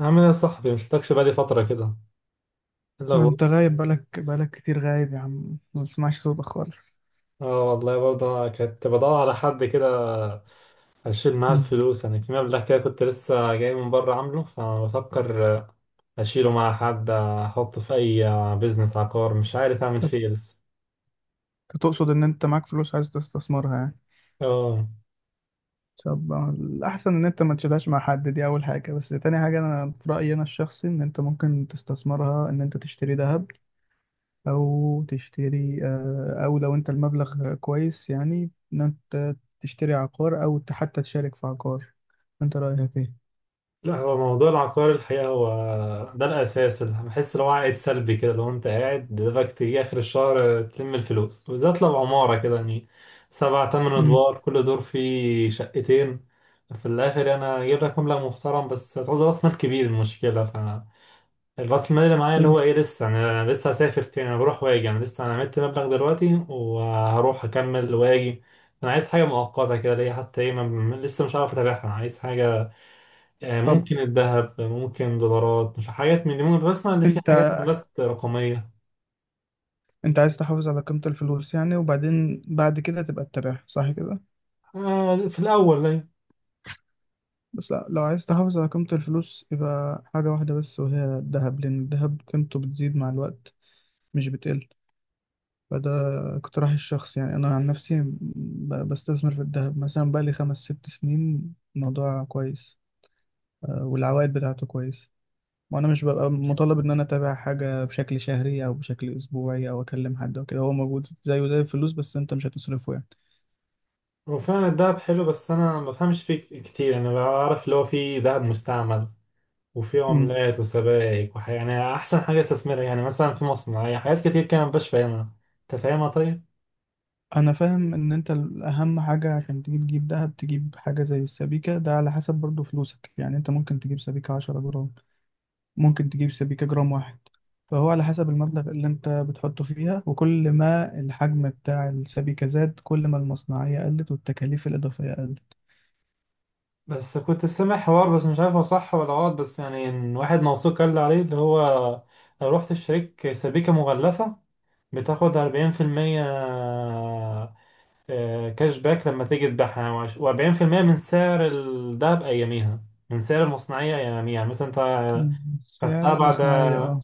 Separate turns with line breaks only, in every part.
عامل ايه يا صاحبي؟ مشفتكش بقالي فترة كده. الا
لو
هو،
انت غايب بقالك كتير غايب يا عم، ما بسمعش صوتك خالص.
اه والله برضه كنت بدور على حد كده اشيل معاه
مم.
الفلوس، يعني في مبلغ كده كنت لسه جاي من بره عامله، فبفكر اشيله مع حد، احطه في اي بيزنس عقار، مش عارف اعمل فيه
انت
إيه لسه.
تقصد ان انت معاك فلوس عايز تستثمرها يعني؟
اه.
طب الاحسن ان انت ما تشيلهاش مع حد، دي اول حاجه، بس تاني حاجه انا في رايي انا الشخصي ان انت ممكن تستثمرها، ان انت تشتري ذهب، او تشتري آه، او لو انت المبلغ كويس يعني، ان انت تشتري عقار او حتى تشارك في عقار. انت رايك ايه؟
لا، هو موضوع العقار الحقيقة هو ده الأساس اللي بحس لو عائد سلبي كده، لو أنت قاعد دماغك تيجي آخر الشهر تلم الفلوس، وبالذات لو عمارة كده يعني سبع تمن
امم
أدوار كل دور فيه شقتين. في الآخر أنا جايب لك مبلغ محترم بس هتعوز رأس مال كبير، المشكلة. فالرأس المال اللي معايا اللي هو
فهمت.
إيه لسه أنا لسه هسافر تاني، أنا بروح وآجي، أنا لسه أنا عملت مبلغ دلوقتي وهروح أكمل وآجي. أنا عايز حاجة مؤقتة كده ليا حتى إيه لسه مش عارف أتابعها، أنا عايز حاجة. يعني
طب
ممكن الذهب، ممكن دولارات، مش حاجات من دي، ممكن بسمع ان في
انت
حاجات عملات رقمية.
انت عايز تحافظ على قيمة الفلوس يعني، وبعدين بعد كده تبقى تتابعها، صح كده؟
آه في الأول يعني.
بس لا، لو عايز تحافظ على قيمة الفلوس يبقى حاجة واحدة بس، وهي الذهب، لأن الذهب قيمته بتزيد مع الوقت مش بتقل. فده اقتراح الشخص، يعني أنا عن نفسي بستثمر في الذهب مثلا بقالي خمس ست سنين، الموضوع كويس والعوائد بتاعته كويسة. وأنا مش ببقى مطالب إن أنا أتابع حاجة بشكل شهري أو بشكل أسبوعي أو أكلم حد أو كده، هو موجود زيه زي الفلوس بس أنت مش هتصرفه.
وفعلا الذهب حلو بس أنا ما بفهمش فيه كتير، يعني أنا بعرف اللي هو في ذهب مستعمل وفي
يعني
عملات وسبائك وحاجة، يعني أحسن حاجة استثمرها يعني مثلا في مصنع، يعني حاجات كتير كده مبقاش فاهمها. أنت فاهمها طيب؟
انا فاهم ان انت الاهم حاجة عشان تجيب دهب، تجيب حاجة زي السبيكة، ده على حسب برضو فلوسك. يعني انت ممكن تجيب سبيكة 10 جرام، ممكن تجيب سبيكة 1 جرام. فهو على حسب المبلغ اللي انت بتحطه فيها، وكل ما الحجم بتاع السبيكة زاد كل ما المصنعية قلت والتكاليف الإضافية قلت.
بس كنت سامع حوار بس مش عارف هو صح ولا غلط، بس يعني إن واحد موثوق قال لي عليه اللي هو لو رحت اشتريت سبيكة مغلفة بتاخد 40% كاش باك لما تيجي تبيعها، و40% من سعر الدهب أياميها من سعر المصنعية أياميها، يعني مثلا أنت
مم. سعر
خدتها بعد.
المصنعية، اه.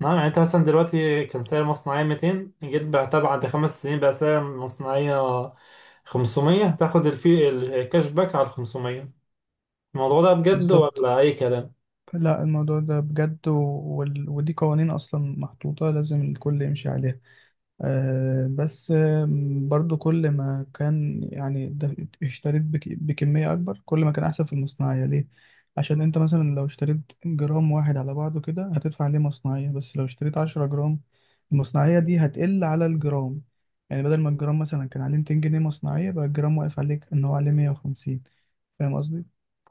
نعم، يعني أنت مثلا دلوقتي كان سعر المصنعية 200، جيت بعتها بعد 5 سنين بقى سعر المصنعية 500، تاخد الفي الكاش باك على 500. الموضوع ده بجد
بالظبط.
ولا أي كلام؟
لا الموضوع ده بجد ودي قوانين اصلا محطوطة لازم الكل يمشي عليها. بس برضو كل ما كان يعني بكمية أكبر كل ما كان أحسن في المصنعية. ليه؟ عشان أنت مثلا لو اشتريت جرام واحد على بعضه كده هتدفع عليه مصنعية، بس لو اشتريت 10 جرام المصنعية دي هتقل على الجرام. يعني بدل ما الجرام مثلا كان عليه 200 جنيه مصنعية، بقى الجرام واقف عليك إن هو عليه 150. فاهم قصدي؟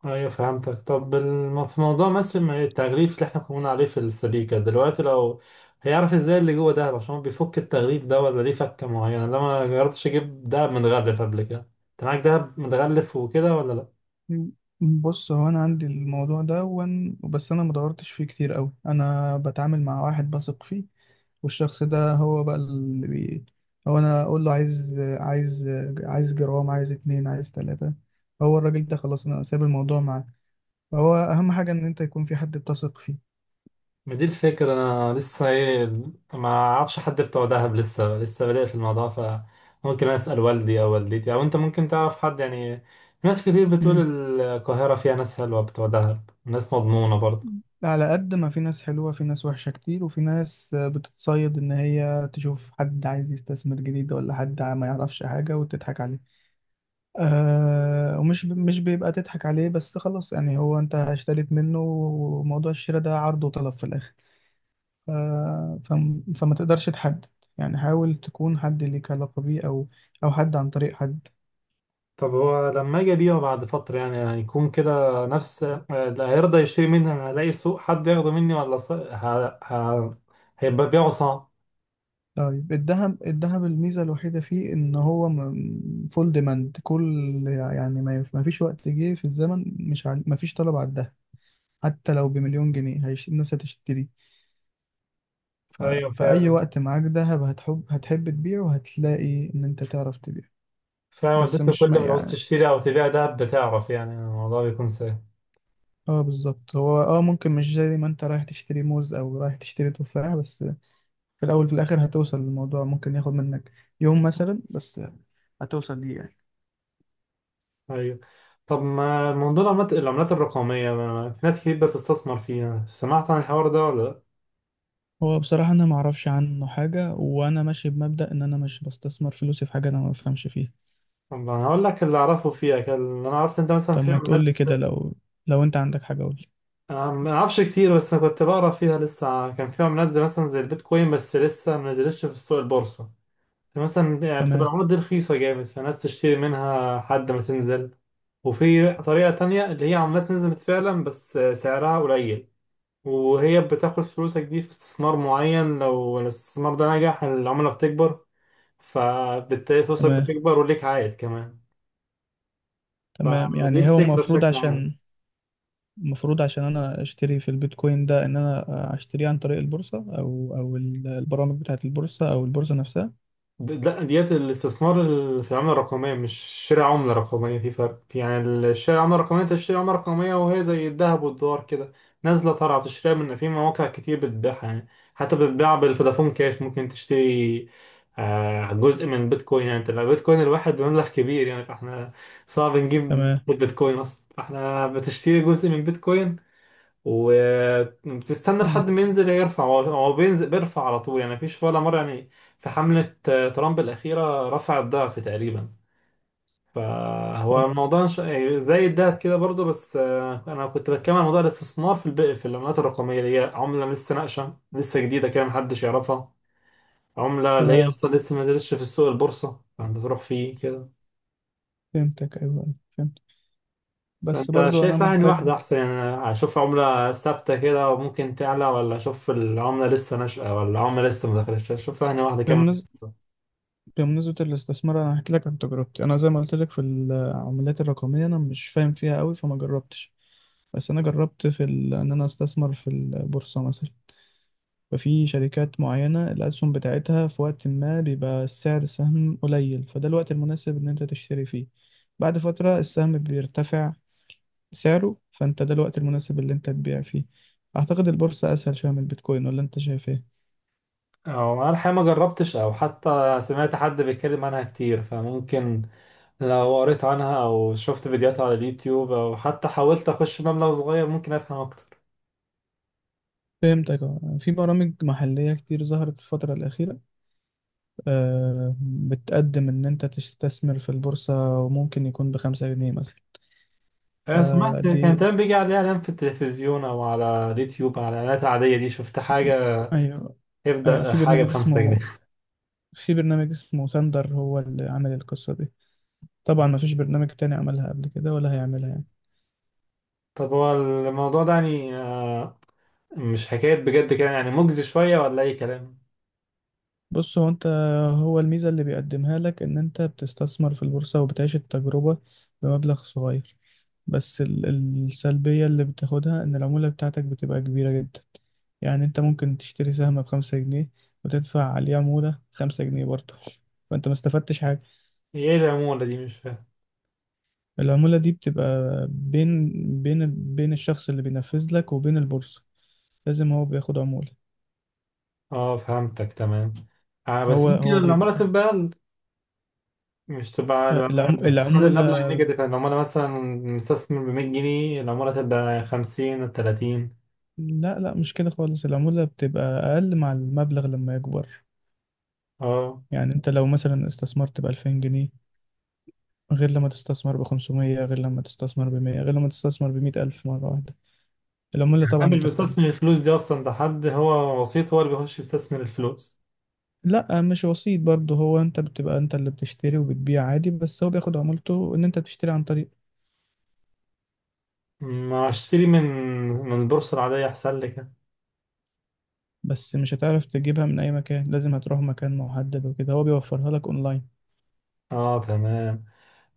ايوه فهمتك. طب في موضوع مثل ما التغليف اللي احنا كنا بنقول عليه في السبيكة دلوقتي، لو هيعرف ازاي اللي جوه دهب عشان هو بيفك التغليف ده، ولا ليه فكة معينة؟ انا ما جربتش اجيب دهب متغلف قبل كده. انت معاك دهب متغلف وكده ولا لا؟
مم. بص هو انا عندي الموضوع ده بس انا مدورتش فيه كتير قوي، انا بتعامل مع واحد بثق فيه. والشخص ده هو بقى هو انا اقول له عايز جرام، عايز اتنين، عايز تلاتة، هو الراجل ده خلاص انا سايب الموضوع معاه. فهو اهم حاجة ان انت يكون في حد بتثق فيه.
ما دي الفكرة، انا لسه ايه ما اعرفش حد بتوع دهب، لسه بادئ في الموضوع، فممكن اسأل والدي او والدتي، او انت ممكن تعرف حد يعني. ناس كتير بتقول
مم.
القاهرة فيها ناس حلوة بتوع دهب، ناس مضمونة برضه.
على قد ما في ناس حلوة في ناس وحشة كتير، وفي ناس بتتصيد ان هي تشوف حد عايز يستثمر جديد، ولا حد ما يعرفش حاجة وتضحك عليه. آه، مش بيبقى تضحك عليه بس خلاص، يعني هو انت اشتريت منه، وموضوع الشراء ده عرض وطلب في الاخر. ف... فما تقدرش تحدد. يعني حاول تكون حد ليك علاقة بيه، او او حد عن طريق حد.
طب هو لما اجي ابيعه بعد فترة يعني هيكون كده نفس اللي هيرضى يشتري مني؟ انا هلاقي سوق، حد ياخده مني، ولا هيبقى بيعه صعب؟
طيب الذهب، الذهب الميزة الوحيدة فيه ان هو فول ديماند. كل يعني ما فيش وقت جه في الزمن مش ع... ما فيش طلب على الذهب. حتى لو بمليون جنيه الناس هتشتري. ف...
ايوه
في اي
فعلا.
وقت معاك ذهب هتحب تبيعه، وهتلاقي ان انت تعرف تبيعه.
فعلا
بس
اديته،
مش
كل
ما
ما عاوز
يعني،
تشتري او تبيع ده بتعرف، يعني الموضوع بيكون سهل.
اه بالظبط. هو اه ممكن مش زي ما انت رايح تشتري موز او رايح تشتري تفاح بس، في الاول في الاخر هتوصل للموضوع، ممكن ياخد منك يوم مثلا بس هتوصل ليه يعني.
ايوه. طب ما موضوع العملات، العملات الرقمية في ناس كتير بتستثمر فيها، سمعت عن الحوار ده ولا لا؟
هو بصراحة أنا معرفش عنه حاجة، وأنا ماشي بمبدأ إن أنا مش بستثمر فلوسي في حاجة أنا ما بفهمش فيها.
طب انا هقول لك اللي اعرفه فيها، كان اللي انا عرفت انت مثلا
طب
في
ما
عملات.
تقولي كده، لو لو أنت عندك حاجة قولي.
أنا ما اعرفش كتير، بس انا كنت بقرا فيها لسه، كان فيها منزل مثلا زي البيتكوين بس لسه ما نزلتش في السوق البورصه. مثلا يعني بتبقى
تمام.
العملات دي رخيصه جامد، فالناس تشتري منها لحد ما تنزل. وفي طريقه تانية اللي هي عملات نزلت فعلا بس سعرها قليل، وهي بتاخد فلوسك دي في استثمار معين، لو الاستثمار ده نجح العمله بتكبر، فبالتالي فلوسك
تمام.
بتكبر وليك عائد كمان.
تمام.
فدي
يعني هو
الفكره
المفروض
بشكل عام.
عشان، المفروض عشان انا اشتري في البيتكوين ده، ان انا اشتريه عن طريق البورصة، او البرامج بتاعة البورصة او البورصة نفسها.
لا، ديت الاستثمار في العملة الرقمية مش شراء عملة رقمية، في فرق، في يعني شراء عملة رقمية انت تشتري عملة رقمية، وهي زي الذهب والدولار كده نازلة طالعة، بتشتريها من في مواقع كتير بتبيعها يعني. حتى بتباع بالفودافون كاش، ممكن تشتري جزء من بيتكوين. يعني انت لو بيتكوين الواحد مبلغ كبير يعني فاحنا صعب نجيب
تمام.
بيتكوين اصلا، فاحنا بتشتري جزء من بيتكوين. وبتستنى لحد
مم.
ما ينزل يرفع، هو بينزل بيرفع على طول، يعني مفيش ولا مرة يعني. في حملة ترامب الأخيرة رفع الضعف تقريبا. فهو
طب
الموضوع يعني زي الدهب كده برضو بس. أنا كنت بتكلم عن موضوع الاستثمار في في العملات الرقمية اللي هي عملة لسه ناقشة لسه جديدة كده محدش يعرفها. عملة اللي هي
تمام،
أصلا لسه ما نزلتش في السوق البورصة، فأنت تروح فيه كده.
فهمتك. ايوه أيوة، فهمت. بس
انت
برضو انا
شايف يعني
محتاج.
واحدة احسن؟ يعني اشوف عملة ثابتة كده وممكن تعلى، ولا اشوف العملة لسه ناشئة، ولا عملة لسه ما دخلتش اشوف يعني واحدة كمان؟
بمناسبة بمناسبة الاستثمار، انا هحكي لك عن تجربتي. انا زي ما قلت لك في العملات الرقمية انا مش فاهم فيها قوي فما جربتش. بس انا جربت ان انا استثمر في البورصة مثلا. ففي شركات معينة الأسهم بتاعتها في وقت ما بيبقى السعر السهم قليل، فده الوقت المناسب إن أنت تشتري فيه. بعد فترة السهم بيرتفع سعره، فأنت ده الوقت المناسب اللي أنت تبيع فيه. أعتقد البورصة أسهل شوية من البيتكوين، ولا أنت شايف إيه؟
او انا الحقيقة ما جربتش او حتى سمعت حد بيتكلم عنها كتير، فممكن لو قريت عنها او شفت فيديوهات على اليوتيوب، او حتى حاولت اخش مبلغ صغير ممكن افهم اكتر.
فهمتك. اه في برامج محلية كتير ظهرت الفترة الأخيرة، بتقدم إن أنت تستثمر في البورصة وممكن يكون بـ5 جنيه مثلا.
انا سمعت كان
فدي
دايما بيجي عليها اعلان في التلفزيون او على اليوتيوب على الاعلانات العادية دي، شفت حاجة
أيوه. أيوه
يبدأ
في
حاجة
برنامج
بـ5 جنيه.
اسمه، في برنامج اسمه ثاندر هو اللي عمل القصة دي. طبعا ما فيش برنامج تاني عملها قبل كده ولا هيعملها يعني.
طب هو الموضوع ده يعني مش حكاية بجد كده؟ يعني مجزي شوية ولا أي كلام؟
بص هو انت، هو الميزة اللي بيقدمها لك ان انت بتستثمر في البورصة وبتعيش التجربة بمبلغ صغير. بس ال- السلبية اللي بتاخدها ان العمولة بتاعتك بتبقى كبيرة جدا. يعني انت ممكن تشتري سهم بـ5 جنيه، وتدفع عليه عمولة 5 جنيه برضه، فانت ما استفدتش حاجة.
هي إيه العمولة دي؟ مش فاهم.
العمولة دي بتبقى بين بين الشخص اللي بينفذ لك وبين البورصة، لازم هو بياخد عمولة.
آه فهمتك تمام. آه بس
هو
يمكن
هو
العمولة
بيبقى،
تبقى أقل. مش تبقى العمولة اللي بتخلي
العمولة،
المبلغ نيجاتيف؟ يعني لو أنا مثلا مستثمر بـ100 جنيه، العمولة تبقى خمسين تلاتين.
لا لا مش كده خالص، العمولة بتبقى أقل مع المبلغ لما يكبر.
آه.
يعني أنت لو مثلا استثمرت بـ2000 جنيه، غير لما تستثمر بـ500، غير لما تستثمر بـ100، غير لما تستثمر بـ100 ألف مرة واحدة، العمولة
يعني
طبعا
أنا مش بستثمر
بتختلف.
الفلوس دي أصلا، ده حد هو وسيط هو اللي بيخش يستثمر الفلوس.
لا مش وسيط برضه، هو أنت بتبقى أنت اللي بتشتري وبتبيع عادي، بس هو بياخد عمولته إن أنت بتشتري عن طريق.
ما أشتري من البورصة العادية أحسن لك.
بس مش هتعرف تجيبها من أي مكان، لازم هتروح مكان محدد وكده، هو بيوفرها لك أونلاين.
آه تمام.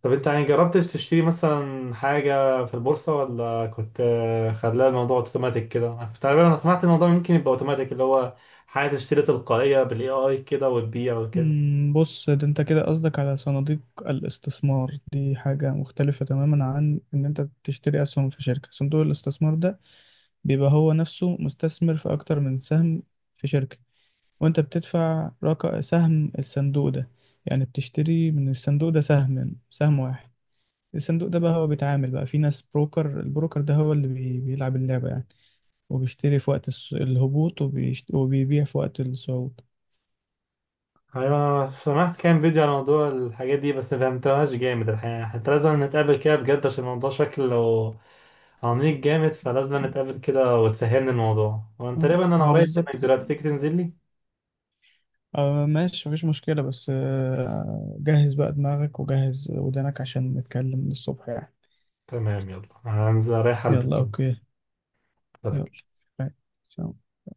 طب انت يعني جربتش تشتري مثلا حاجة في البورصة، ولا كنت خلاها الموضوع اوتوماتيك كده تقريبا؟ انا سمعت الموضوع ممكن يبقى اوتوماتيك، اللي هو حاجة تشتري تلقائية بالاي اي كده وتبيع وكده.
بص ده انت كده قصدك على صناديق الاستثمار، دي حاجة مختلفة تماما عن ان انت تشتري اسهم في شركة. صندوق الاستثمار ده بيبقى هو نفسه مستثمر في اكتر من سهم في شركة، وانت بتدفع رقم سهم الصندوق ده، يعني بتشتري من الصندوق ده سهم واحد. الصندوق ده بقى هو بيتعامل بقى في ناس بروكر، البروكر ده هو اللي بيلعب اللعبة يعني، وبيشتري في وقت الهبوط وبيبيع في وقت الصعود.
ايوه انا سمعت كام فيديو على موضوع الحاجات دي بس ما فهمتهاش جامد الحقيقة، حتى لازم نتقابل كده بجد عشان الموضوع شكله عميق جامد، فلازم نتقابل كده وتفهمني الموضوع، وانا تقريبا انا
هو
قريب منك
بالظبط،
دلوقتي، تيجي تنزل لي.
آه ماشي مفيش مشكلة. بس آه جهز بقى دماغك وجهز ودانك عشان نتكلم من الصبح يعني.
تمام، يلا هنزل رايح
يلا
البس
أوكي. يلا. باي. سلام.